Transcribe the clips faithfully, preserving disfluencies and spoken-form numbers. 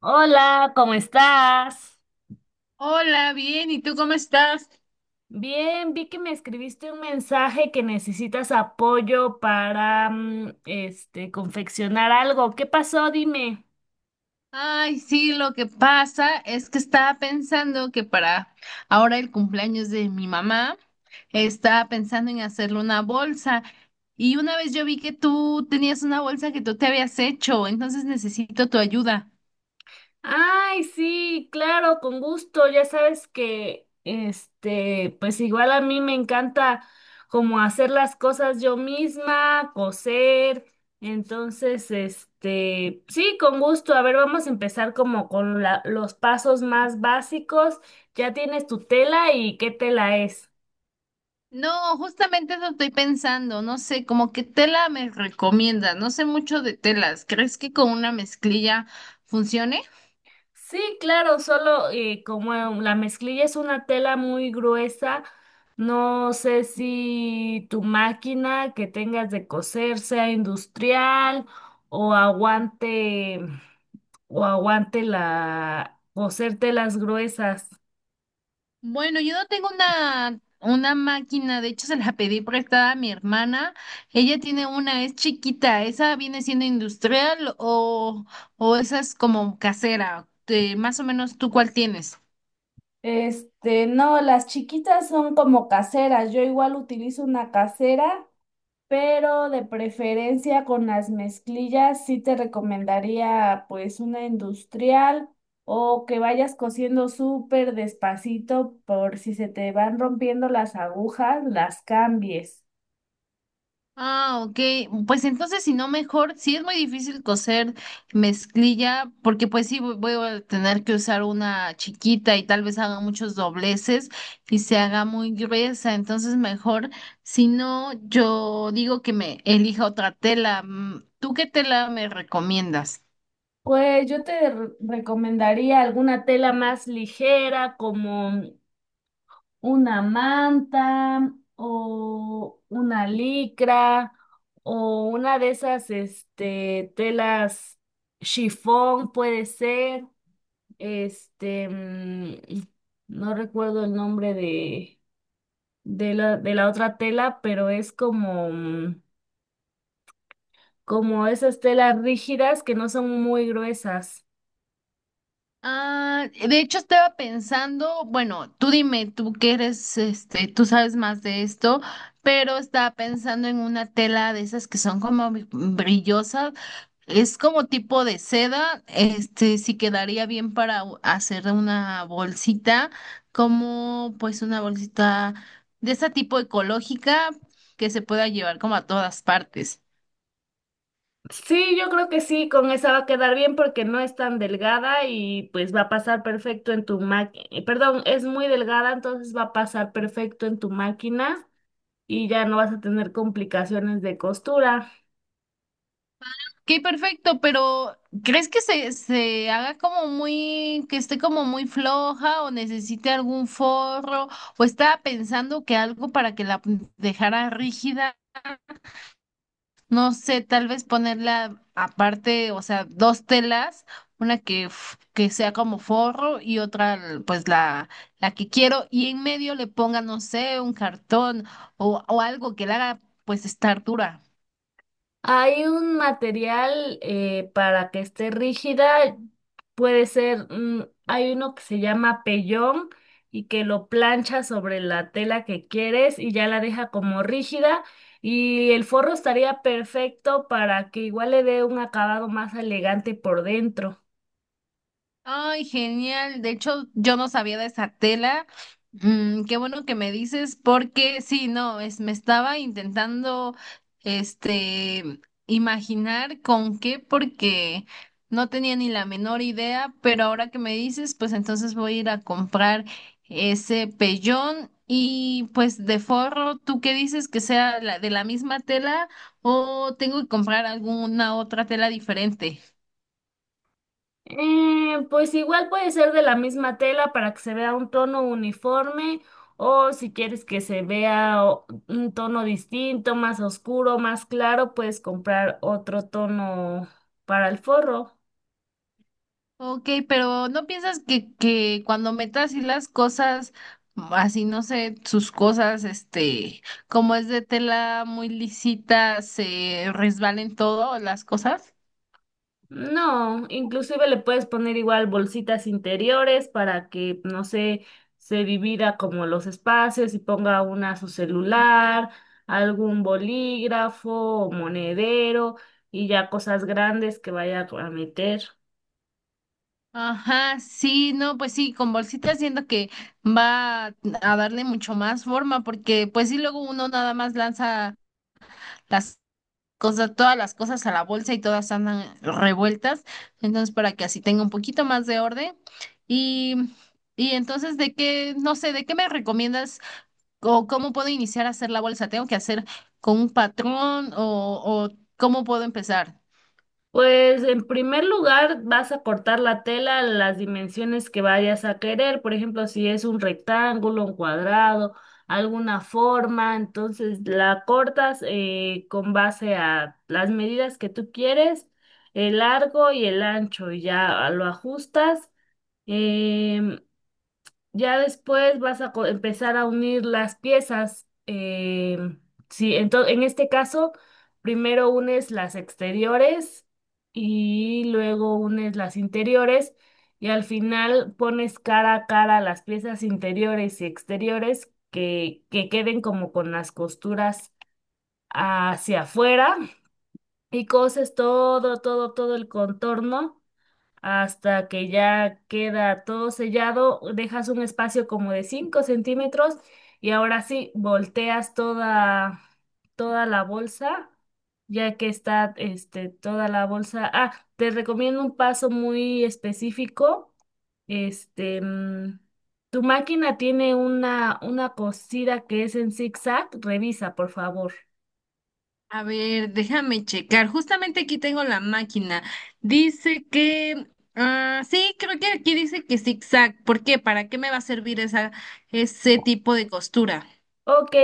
Hola, ¿cómo estás? Hola, bien, ¿y tú cómo estás? Bien, vi que me escribiste un mensaje que necesitas apoyo para, mm, este, confeccionar algo. ¿Qué pasó? Dime. Ay, sí, lo que pasa es que estaba pensando que para ahora el cumpleaños de mi mamá, estaba pensando en hacerle una bolsa. Y una vez yo vi que tú tenías una bolsa que tú te habías hecho, entonces necesito tu ayuda. Ay, sí, claro, con gusto. Ya sabes que, este, pues igual a mí me encanta como hacer las cosas yo misma, coser. Entonces, este, sí, con gusto. A ver, vamos a empezar como con la- los pasos más básicos. ¿Ya tienes tu tela y qué tela es? No, justamente eso estoy pensando, no sé, como que tela me recomienda, no sé mucho de telas, ¿crees que con una mezclilla funcione? Sí, claro, solo eh, como eh, la mezclilla es una tela muy gruesa, no sé si tu máquina que tengas de coser sea industrial o aguante o aguante la coser telas gruesas. Bueno, yo no tengo una, una máquina, de hecho se la pedí prestada a mi hermana. Ella tiene una, es chiquita, ¿esa viene siendo industrial o, o esa es como casera? Te- más o menos, ¿tú cuál tienes? Este, no, las chiquitas son como caseras. Yo igual utilizo una casera pero de preferencia con las mezclillas sí te recomendaría pues una industrial o que vayas cosiendo súper despacito por si se te van rompiendo las agujas, las cambies. Ah, ok. Pues entonces, si no, mejor, sí es muy difícil coser mezclilla, porque pues sí voy voy a tener que usar una chiquita y tal vez haga muchos dobleces y se haga muy gruesa. Entonces, mejor, si no, yo digo que me elija otra tela. Mm, ¿tú qué tela me recomiendas? Pues yo te re- recomendaría alguna tela más ligera como una manta o una licra o una de esas este telas chifón puede ser. Este, mm, no recuerdo el nombre de, de la, de la otra tela, pero es como, mm, como esas telas rígidas que no son muy gruesas. Ah, de hecho estaba pensando, bueno, tú dime, tú que eres, este, tú sabes más de esto, pero estaba pensando en una tela de esas que son como bri- brillosas, es como tipo de seda, este, sí quedaría bien para u- hacer una bolsita, como pues una bolsita de ese tipo ecológica que se pueda llevar como a todas partes. Sí, yo creo que sí, con esa va a quedar bien porque no es tan delgada y pues va a pasar perfecto en tu máquina. Perdón, es muy delgada, entonces va a pasar perfecto en tu máquina y ya no vas a tener complicaciones de costura. Qué perfecto, pero ¿crees que se, se haga como muy, que esté como muy floja o necesite algún forro o estaba pensando que algo para que la p- dejara rígida? No sé, tal vez ponerla aparte, o sea, dos telas, una que, f- que sea como forro y otra pues la, la que quiero y en medio le ponga, no sé, un cartón o, o algo que la haga pues estar dura. Hay un material eh, para que esté rígida, puede ser, mm, hay uno que se llama pellón y que lo plancha sobre la tela que quieres y ya la deja como rígida y el forro estaría perfecto para que igual le dé un acabado más elegante por dentro. Ay, genial. De hecho, yo no sabía de esa tela. Mm, qué bueno que me dices, porque sí, no, es, me estaba intentando, este, imaginar con qué, porque no tenía ni la menor idea, pero ahora que me dices, pues entonces voy a ir a comprar ese pellón y pues de forro, ¿tú qué dices que sea la, de la misma tela o tengo que comprar alguna otra tela diferente? Eh, pues igual puede ser de la misma tela para que se vea un tono uniforme o si quieres que se vea o- un tono distinto, más oscuro, más claro, puedes comprar otro tono para el forro. Ok, pero ¿no piensas que, que cuando metas así las cosas, así no sé, sus cosas, este, como es de tela muy lisita, se resbalen todo las cosas? No, inclusive le puedes poner igual bolsitas interiores para que, no sé, se divida como los espacios y ponga una su celular, algún bolígrafo o monedero y ya cosas grandes que vaya a meter. Ajá, sí, no, pues sí, con bolsitas siento que va a darle mucho más forma, porque pues sí, luego uno nada más lanza las cosas, todas las cosas a la bolsa y todas andan revueltas. Entonces, para que así tenga un poquito más de orden. Y, y entonces, ¿de qué, no sé, de qué me recomiendas o cómo puedo iniciar a hacer la bolsa? ¿Tengo que hacer con un patrón o, o cómo puedo empezar? Pues en primer lugar vas a cortar la tela a las dimensiones que vayas a querer, por ejemplo, si es un rectángulo, un cuadrado, alguna forma, entonces la cortas eh, con base a las medidas que tú quieres, el largo y el ancho, y ya lo ajustas. em, ya después vas a co- empezar a unir las piezas. Eh, sí, entonces, en este caso, primero unes las exteriores y luego unes las interiores y al final pones cara a cara las piezas interiores y exteriores que, que queden como con las costuras hacia afuera y coses todo, todo, todo el contorno hasta que ya queda todo sellado, dejas un espacio como de cinco centímetros y ahora sí volteas toda, toda la bolsa, ya que está este, toda la bolsa. Ah, te recomiendo un paso muy específico. Este, mm, tu máquina tiene una, una cosida que es en zigzag, revisa, por favor. A ver, déjame checar. Justamente aquí tengo la máquina. Dice que, ah, sí, creo que aquí dice que zigzag. ¿Por qué? ¿Para qué me va a servir esa, ese tipo de costura? Ok,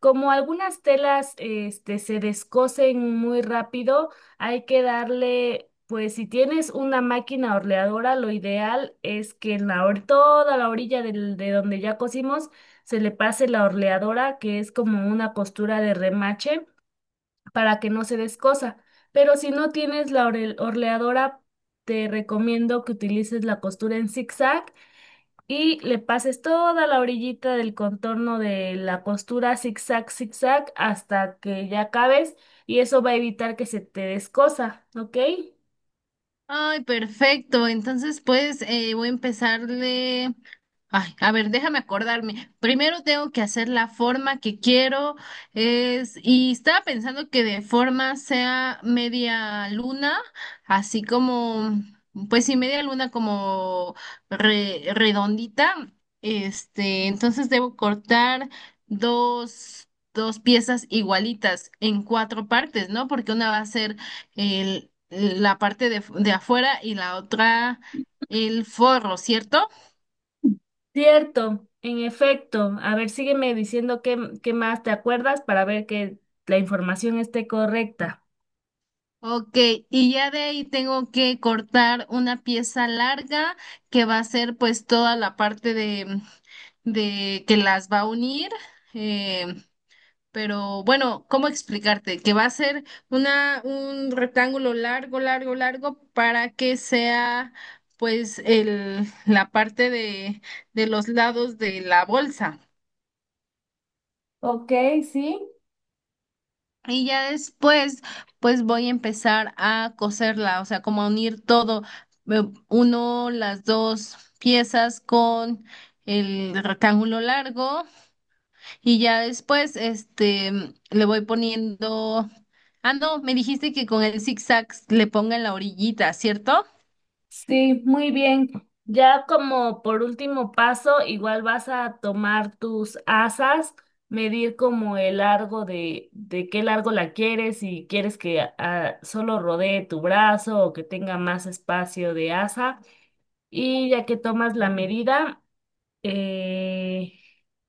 como algunas telas este, se descosen muy rápido, hay que darle, pues si tienes una máquina orleadora, lo ideal es que en la or- toda la orilla del- de donde ya cosimos se le pase la orleadora, que es como una costura de remache, para que no se descosa. Pero si no tienes la orel- orleadora, te recomiendo que utilices la costura en zigzag y le pases toda la orillita del contorno de la costura zigzag, zigzag hasta que ya acabes y eso va a evitar que se te descosa, ¿ok? Ay, perfecto. Entonces, pues eh, voy a empezarle. Ay, a ver, déjame acordarme. Primero tengo que hacer la forma que quiero. Es, y estaba pensando que de forma sea media luna, así como, pues sí, media luna como re- redondita. Este, entonces debo cortar dos, dos piezas igualitas en cuatro partes, ¿no? Porque una va a ser el, la parte de, de afuera y la otra el forro, ¿cierto? Cierto, en efecto. A ver, sígueme diciendo qué, qué más te acuerdas para ver que la información esté correcta. Ok, y ya de ahí tengo que cortar una pieza larga que va a ser pues toda la parte de, de que las va a unir. eh, pero bueno, ¿cómo explicarte? Que va a ser una, un rectángulo largo, largo, largo para que sea pues el, la parte de, de los lados de la bolsa. Ok, sí. Y ya después, pues voy a empezar a coserla, o sea, como a unir todo, eh, uno, las dos piezas con el rectángulo largo y ya después, este, le voy poniendo, ah, no, me dijiste que con el zigzag le ponga en la orillita, ¿cierto? Sí, muy bien. Ya como por último paso, igual vas a tomar tus asas, medir como el largo de, de qué largo la quieres, si quieres que ah, solo rodee tu brazo o que tenga más espacio de asa. Y ya que tomas la medida, eh,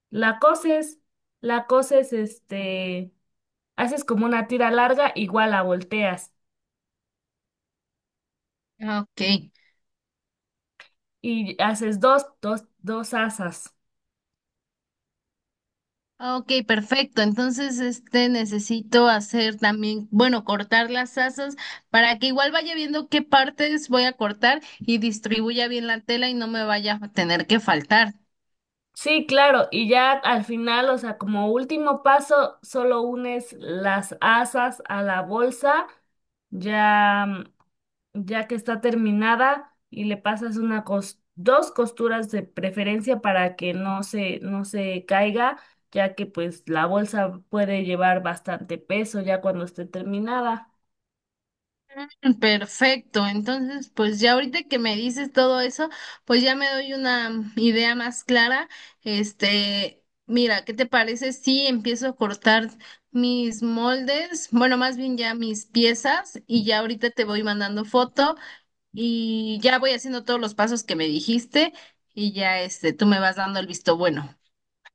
la coses, la coses, este, haces como una tira larga, igual la volteas Ah, ok. y haces dos, dos, dos asas. Ah, ok, perfecto. Entonces, este necesito hacer también, bueno, cortar las asas para que igual vaya viendo qué partes voy a cortar y distribuya bien la tela y no me vaya a tener que faltar. Sí, claro, y ya al final, o sea, como último paso, solo unes las asas a la bolsa, ya, mm, ya que está terminada, y le pasas una cos- dos costuras de preferencia para que no se, no se caiga, ya que pues la bolsa puede llevar bastante peso ya cuando esté terminada. Perfecto. Entonces, pues ya ahorita que me dices todo eso, pues ya me doy una idea más clara. Este, mira, ¿qué te parece si empiezo a cortar mis moldes? Bueno, más bien ya mis piezas y ya ahorita te voy mandando foto. Y ya voy haciendo todos los pasos que me dijiste y ya este, tú me vas dando el visto bueno.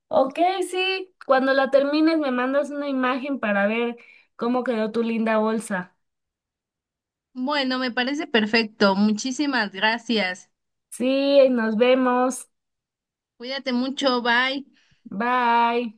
Ok, sí, cuando la termines me mandas una imagen para ver cómo quedó tu linda bolsa. Bueno, me parece perfecto. Muchísimas gracias. Sí, nos vemos. Cuídate mucho, bye. Bye.